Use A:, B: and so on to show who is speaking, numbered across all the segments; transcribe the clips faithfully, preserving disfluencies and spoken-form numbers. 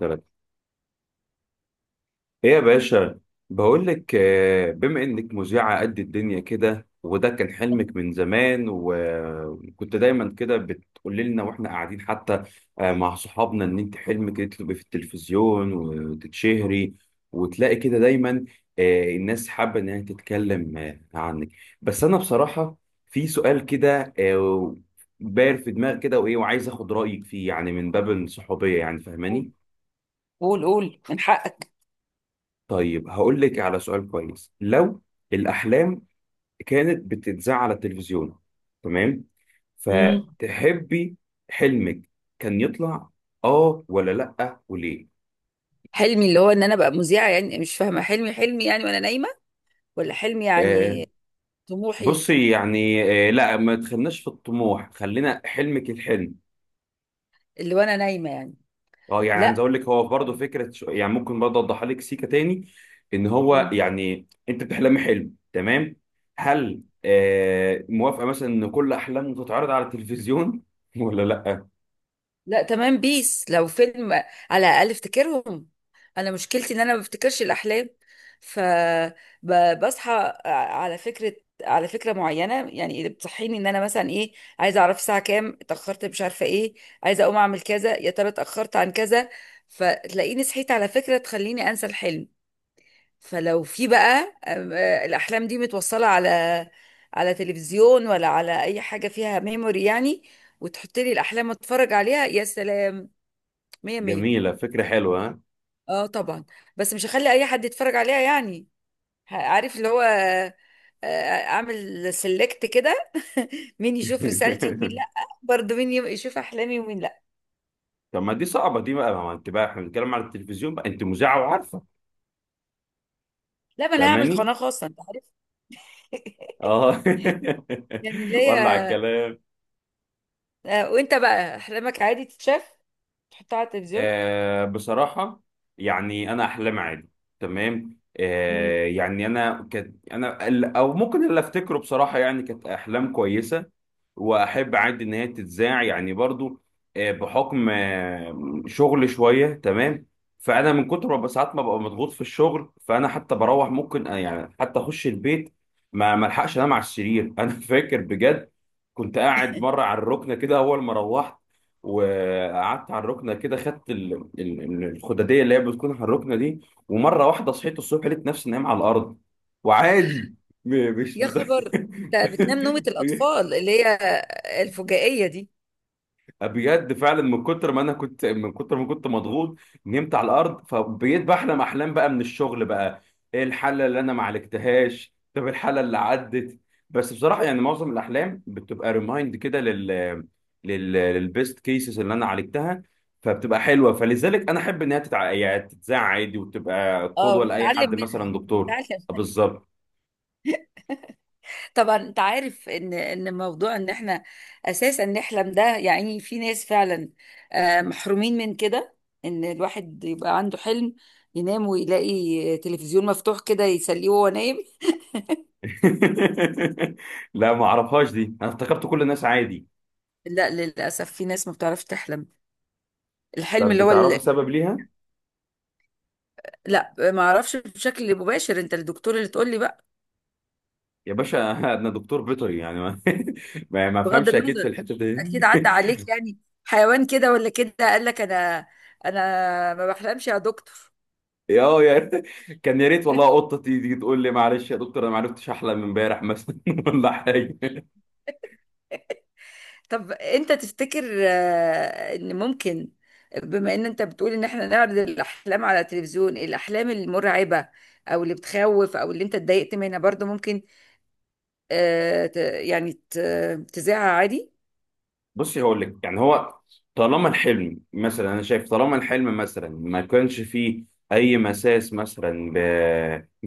A: ثلاثة. ايه يا باشا؟ بقول لك آه، بما انك مذيعة قد الدنيا كده، وده كان حلمك من زمان، وكنت دايما كده بتقولي لنا واحنا قاعدين حتى آه، مع صحابنا ان انت حلمك انت تبقي في التلفزيون وتتشهري، وتلاقي كده دايما آه، الناس حابة انها تتكلم آه، عنك. بس انا بصراحة في سؤال كده آه، داير في دماغي كده وايه، وعايز اخد رأيك فيه يعني من باب الصحوبية، يعني
B: قول
A: فاهماني؟
B: قول قول من حقك.
A: طيب هقول لك على سؤال كويس. لو الأحلام كانت بتتذاع على التلفزيون، تمام،
B: مم.
A: فتحبي حلمك كان يطلع اه ولا لأ وليه؟
B: حلمي اللي هو ان انا ابقى مذيعه، يعني مش فاهمه، حلمي حلمي يعني وانا نايمه، ولا حلمي
A: آه،
B: يعني طموحي؟
A: بصي يعني. آه لا، ما تخلناش في الطموح، خلينا حلمك الحلم.
B: اللي وانا نايمه يعني.
A: اه يعني عايز
B: لا.
A: اقول لك، هو برضه فكره، شو يعني ممكن برضه اوضحها لك سيكه تاني، ان هو
B: مم.
A: يعني انت بتحلمي حلم، تمام. هل آه موافقه مثلا ان كل احلامك تتعرض على التلفزيون ولا لا؟
B: لا تمام، بيس لو فيلم على الاقل افتكرهم. انا مشكلتي ان انا ما بفتكرش الاحلام، فبصحى على فكره، على فكره معينه، يعني اللي بتصحيني ان انا مثلا ايه؟ عايزه اعرف الساعه كام، اتاخرت، مش عارفه ايه، عايزه اقوم اعمل كذا، يا ترى اتاخرت عن كذا، فتلاقيني صحيت على فكره تخليني انسى الحلم. فلو في بقى آم، آه، الاحلام دي متوصله على على تلفزيون ولا على اي حاجه فيها ميموري، يعني وتحط لي الاحلام اتفرج عليها، يا سلام، مية مية.
A: جميله، فكره حلوه ها.
B: اه طبعا، بس مش هخلي اي حد يتفرج عليها يعني، ه- عارف اللي هو آه، آه، اعمل سيلكت كده. مين يشوف رسالتي ومين لا، برضه مين يم- يشوف احلامي ومين لا.
A: طب ما دي صعبه دي بقى، ما انت بقى احنا بنتكلم على التلفزيون بقى، انت مذيعه وعارفه.
B: لا، ما انا هعمل
A: فاهماني؟
B: قناة خاصة، انت عارف.
A: اه.
B: يعني اللي
A: ولع
B: هي
A: الكلام.
B: آه، وانت بقى احلامك عادي تتشاف تحطها على التلفزيون؟
A: آه بصراحة يعني أنا أحلام عادي، تمام.
B: مم.
A: آه يعني أنا كانت أنا ال- أو ممكن اللي أفتكره بصراحة، يعني كانت أحلام كويسة، وأحب عادي إن هي تتذاع يعني برضو. آه بحكم آه شغل شوية، تمام. فأنا من كتر ما ساعات ما ببقى مضغوط في الشغل، فأنا حتى بروح ممكن آه، يعني حتى أخش البيت ما ملحقش أنام على السرير. أنا فاكر بجد كنت قاعد مرة على الركنة كده أول ما روحت، وقعدت على الركنه كده خدت ال- ال- ال- الخداديه اللي هي بتكون على الركنه دي. ومره واحده صحيت الصبح لقيت نفسي نايم على الارض، وعادي، م- مش
B: يا
A: مت...
B: خبر، انت بتنام نومة الاطفال اللي هي الفجائية دي.
A: بجد فعلا من كتر ما انا كنت من كتر ما كنت مضغوط نمت على الارض، فبقيت بحلم احلام بقى من الشغل بقى. ايه الحاله اللي انا ما عالجتهاش، طب الحاله اللي عدت. بس بصراحه يعني معظم الاحلام بتبقى ريمايند كده لل لل للبيست كيسز اللي انا عالجتها، فبتبقى حلوه، فلذلك انا احب انها تتع... يعني تتذاع عادي وتبقى
B: اه
A: قدوه لاي
B: ونتعلم
A: حد
B: منها
A: مثلا دكتور.
B: ونتعلم.
A: آه، بالظبط.
B: طبعا، انت عارف ان ان موضوع ان احنا اساسا نحلم ده، يعني في ناس فعلا آه، محرومين من كده، ان الواحد يبقى عنده حلم ينام ويلاقي تلفزيون مفتوح كده يسليه وهو نايم.
A: لا ما اعرفهاش دي، انا افتكرت كل الناس عادي.
B: لا للاسف، في ناس ما بتعرفش تحلم، الحلم
A: طب
B: اللي هو
A: بتعرفي
B: اللي...
A: سبب ليها؟
B: لا ما اعرفش بشكل مباشر، انت الدكتور اللي تقول لي بقى.
A: يا باشا انا دكتور بيطري يعني ما ما ما
B: بغض
A: افهمش اكيد في
B: النظر،
A: الحته دي.
B: اكيد عدى عليك يعني حيوان كده ولا كده قال لك: انا انا ما بحلمش يا دكتور.
A: يا اه يا ريت- كان يا ريت والله قطه تيجي تقول لي معلش يا دكتور انا ما عرفتش احلم امبارح مثلا ولا حاجه.
B: طب انت تفتكر آه، ان ممكن، بما ان انت بتقول ان احنا نعرض الاحلام على التلفزيون، الاحلام المرعبة او اللي بتخوف او اللي انت اتضايقت منها برضو، ممكن آه، ت- يعني ت- تذاعها عادي؟
A: بصي هقول لك، يعني هو طالما الحلم مثلا انا شايف طالما الحلم مثلا ما كانش فيه اي مساس مثلا ب...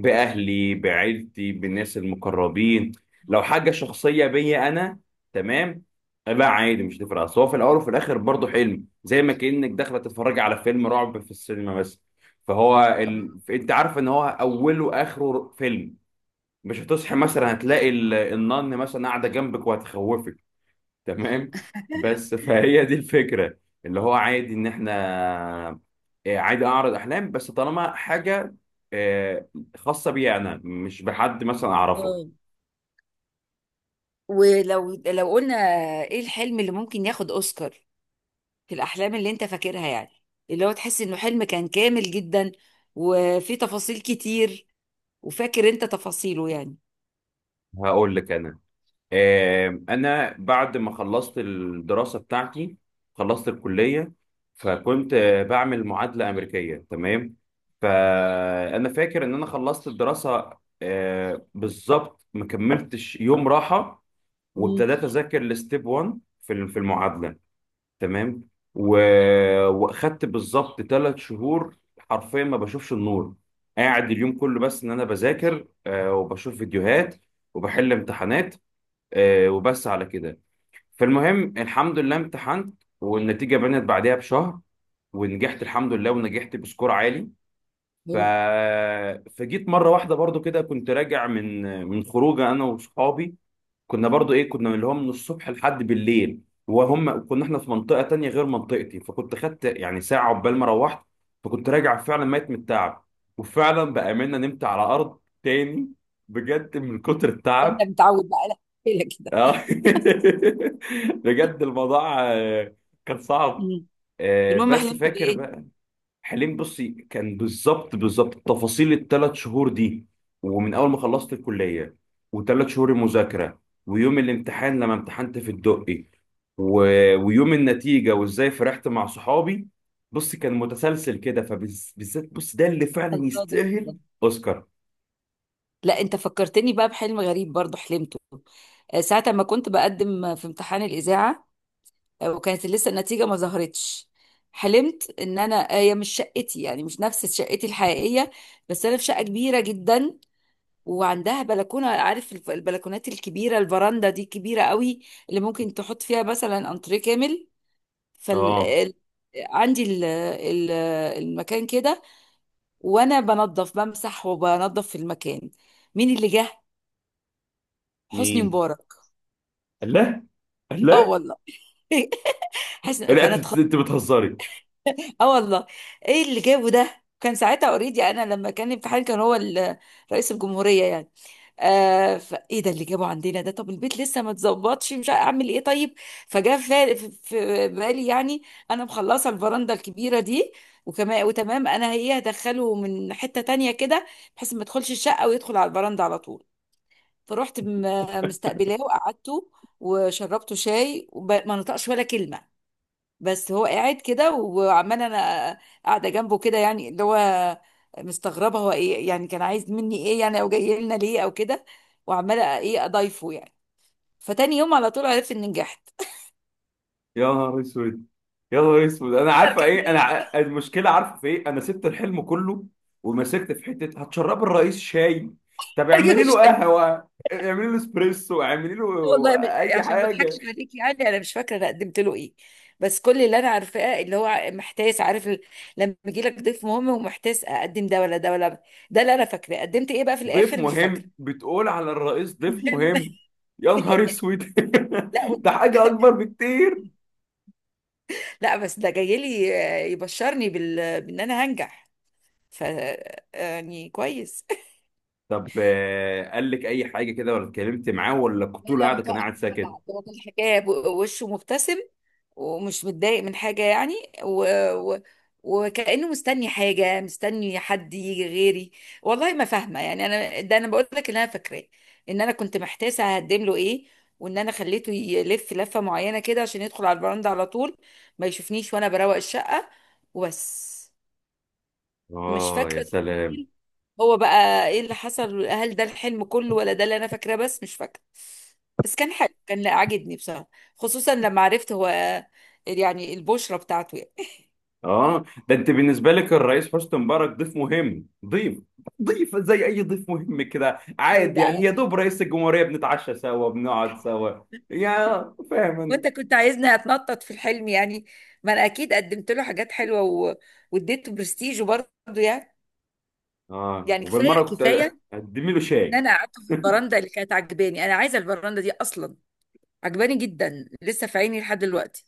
A: باهلي بعيلتي بالناس المقربين، لو حاجه شخصيه بيا انا، تمام. لا عادي مش تفرق، اصل هو في الاول وفي الاخر برضه حلم، زي ما كانك داخله تتفرجي على فيلم رعب في السينما مثلا. فهو ال... انت عارف ان هو اوله واخره فيلم، مش هتصحي مثلا هتلاقي ال- النان مثلا قاعده جنبك وهتخوفك، تمام. بس فهي دي الفكرة، اللي هو عادي ان احنا آه، عادي اعرض احلام، بس طالما حاجة آه، خاصة بي انا، مش بحد مثلا اعرفه.
B: مم. ولو لو قلنا ايه الحلم اللي ممكن ياخد اوسكار في الاحلام اللي انت فاكرها، يعني اللي هو تحس انه حلم كان كامل جدا، وفي تفاصيل كتير، وفاكر انت تفاصيله يعني.
A: هقول لك انا آه، انا بعد ما خلصت الدراسة بتاعتي، خلصت الكلية، فكنت آه، بعمل معادلة امريكية، تمام. فانا فاكر ان انا خلصت الدراسة آه، بالظبط ما كملتش يوم راحة،
B: مم.
A: وابتديت اذاكر الستيب واحد في ال- في المعادله، تمام. و... واخدت بالظبط ثلاث شهور حرفيا ما بشوفش النور، قاعد اليوم كله بس ان انا بذاكر آه وبشوف فيديوهات وبحل امتحانات آه وبس على كده. فالمهم الحمد لله امتحنت، والنتيجه بانت بعدها بشهر، ونجحت الحمد لله، ونجحت بسكور عالي. ف...
B: حلو.
A: فجيت مره واحده برضو كده كنت راجع من من خروجه انا واصحابي، كنا برضو ايه كنا اللي هو من الصبح لحد بالليل، وهم كنا احنا في منطقة تانية غير منطقتي، فكنت خدت يعني ساعة عقبال ما روحت. فكنت راجع فعلا ميت من التعب، وفعلا بأمانة نمت على أرض تاني بجد من كتر
B: ده انت
A: التعب.
B: متعود بقى لك كده.
A: آه. بجد الموضوع آه، كان صعب.
B: مم.
A: آه،
B: المهم
A: بس
B: حلمت
A: فاكر
B: بايه؟
A: بقى، حلمي بصي كان بالظبط بالظبط تفاصيل الثلاث شهور دي، ومن اول ما خلصت الكليه، وثلاث شهور المذاكره، ويوم الامتحان لما امتحنت في الدقي، و... ويوم النتيجه وازاي فرحت مع صحابي. بصي كان متسلسل كده، فبالذات بص، ده اللي فعلا
B: الله ده جميل
A: يستاهل
B: ده.
A: اوسكار.
B: لا، انت فكرتني بقى بحلم غريب برضو حلمته آه، ساعة ما كنت بقدم في امتحان الإذاعة، آه، وكانت لسه النتيجة ما ظهرتش. حلمت ان انا، آه، هي مش شقتي يعني، مش نفس شقتي الحقيقية، بس انا في شقة كبيرة جدا وعندها بلكونة، عارف الف- البلكونات الكبيرة، الفراندا دي كبيرة قوي، اللي ممكن تحط فيها مثلا انتريه كامل. فال
A: اه.
B: ال- عندي ال- ال- المكان كده، وانا بنظف، بمسح وبنظف في المكان. مين اللي جه؟ حسني
A: مين؟
B: مبارك.
A: الله،
B: اه
A: الله.
B: والله. حسن،
A: لا
B: فانا
A: انت
B: اتخض.
A: أنت بتهزري؟
B: اه والله. ايه اللي جابه ده؟ كان ساعتها اوريدي، انا لما كان في حال كان هو ال- رئيس الجمهوريه يعني. آه فايه ده اللي جابه عندنا ده؟ طب البيت لسه ما اتظبطش، مش عارف اعمل ايه، طيب. فجاء في في- في بالي يعني انا مخلصه الفرنده الكبيره دي، وكمان وتمام انا هي هدخله من حته تانية كده، بحيث ما يدخلش الشقه ويدخل على البرندة على طول. فروحت م- مستقبلاه وقعدته وشربته شاي، وما نطقش ولا كلمة. بس هو قاعد كده، وعمال انا قاعدة جنبه كده يعني، اللي هو مستغربة هو ايه يعني، كان عايز مني ايه يعني، او جاي لنا ليه، او كده، وعمالة ايه اضايفه يعني. فتاني يوم على طول عرفت اني نجحت.
A: يا نهار اسود، يا نهار اسود، انا
B: يقدر
A: عارفه
B: كان
A: ايه، انا
B: نايم.
A: ع- المشكله عارفه في ايه، انا سبت الحلم كله ومسكت في حته هتشرب الرئيس شاي. طب اعملي له قهوه، اعملي له اسبريسو، اعملي له
B: والله ب...
A: اي
B: عشان ما
A: حاجه.
B: اضحكش عليك يعني، انا مش فاكره انا قدمت له ايه. بس كل اللي انا عارفاه اللي هو محتاس، عارف ال... لما يجي لك ضيف مهم ومحتاس اقدم ده ولا ده ولا، ده اللي انا فاكراه، قدمت ايه بقى في
A: ضيف
B: الاخر مش
A: مهم
B: فاكره.
A: بتقول على الرئيس؟ ضيف
B: مهم.
A: مهم. يا نهار اسود.
B: لا و...
A: ده حاجه اكبر بكتير.
B: لا بس ده جاي لي آه، يبشرني بال... بان انا هنجح، ف آه، يعني كويس.
A: طب آه، قال لك اي حاجه كده، ولا اتكلمت معاه، ولا كنت
B: لا
A: طول
B: لا،
A: قاعده كان
B: نطقنا
A: قاعد
B: مع
A: ساكت؟
B: بعض، هو كل حكاية ب- وشه مبتسم، ومش متضايق من حاجة يعني، و... و... وكأنه مستني حاجة، مستني حد يجي غيري. والله ما فاهمة، يعني أنا ده أنا بقول لك إن أنا فاكراه، إن أنا كنت محتاسة هقدم له إيه، وإن أنا خليته يلف لفة معينة كده عشان يدخل على البراند على طول ما يشوفنيش وأنا بروق الشقة، وبس. مش
A: اه يا
B: فاكرة
A: سلام.
B: تفاصيل. هو بقى ايه اللي حصل؟ هل ده الحلم كله ولا ده اللي انا فاكراه بس؟ مش فاكرة. بس كان حلو، كان، لا عاجبني بصراحة، خصوصا لما عرفت هو يعني البشرة بتاعته يعني.
A: اه، ده انت بالنسبه لك الرئيس حسني مبارك ضيف مهم، ضيف ضيف زي اي ضيف مهم كده
B: ايه
A: عادي يعني،
B: بقى؟
A: يا دوب رئيس الجمهوريه بنتعشى سوا بنقعد سوا. يا، فاهم انا.
B: وانت كنت عايزني اتنطط في الحلم يعني؟ ما انا اكيد قدمت له حاجات حلوة و... واديته برستيج برضه يعني،
A: اه،
B: يعني كفاية
A: وبالمره كنت
B: كفاية،
A: اقدم له
B: ان
A: شاي.
B: انا قعدت في البراندة اللي كانت عجباني، انا عايزة البراندة دي اصلا، عجباني جدا لسه في عيني لحد دلوقتي.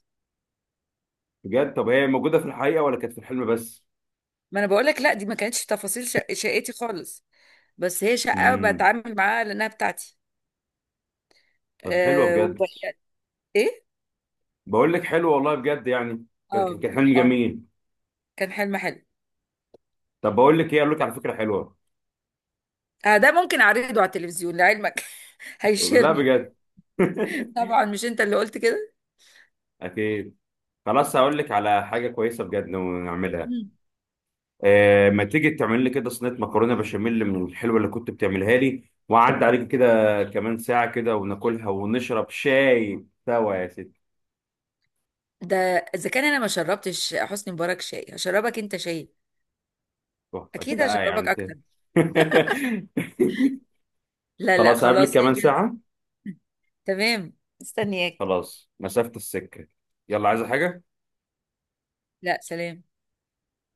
A: بجد؟ طب هي موجوده في الحقيقه ولا كانت في الحلم بس؟
B: ما انا بقول لك، لا دي ما كانتش تفاصيل شق... شقتي خالص، بس هي شقه
A: امم.
B: بتعامل معاها لانها بتاعتي.
A: طب حلوه
B: أه
A: بجد،
B: وبقى ايه،
A: بقول لك حلوه والله بجد يعني، كان
B: اه
A: كان كان حلم
B: اه
A: جميل.
B: كان حلم حلو.
A: طب بقول لك ايه، اقول لك على فكره حلوه.
B: آه، ده ممكن اعرضه على التلفزيون لعلمك.
A: لا
B: هيشيرني.
A: بجد.
B: طبعا مش انت اللي قلت كده.
A: اكيد. خلاص هقول لك على حاجه كويسه بجد نعملها.
B: مم.
A: آه، ما تيجي تعمل لي كده صينيه مكرونه بشاميل من الحلوه اللي كنت بتعملها لي، واعدي عليك كده كمان ساعه كده وناكلها ونشرب شاي سوا يا ست.
B: ده اذا كان انا ما شربتش حسني مبارك شاي، هشربك انت شاي،
A: تحفة. ده
B: اكيد
A: لا، يعني
B: هشربك
A: انت.
B: اكتر. لا لا
A: خلاص قبل
B: خلاص، هي
A: كمان
B: جاهزة.
A: ساعه.
B: تمام مستنياك.
A: خلاص، مسافه السكه. يلا، عايزه حاجه؟
B: لا سلام.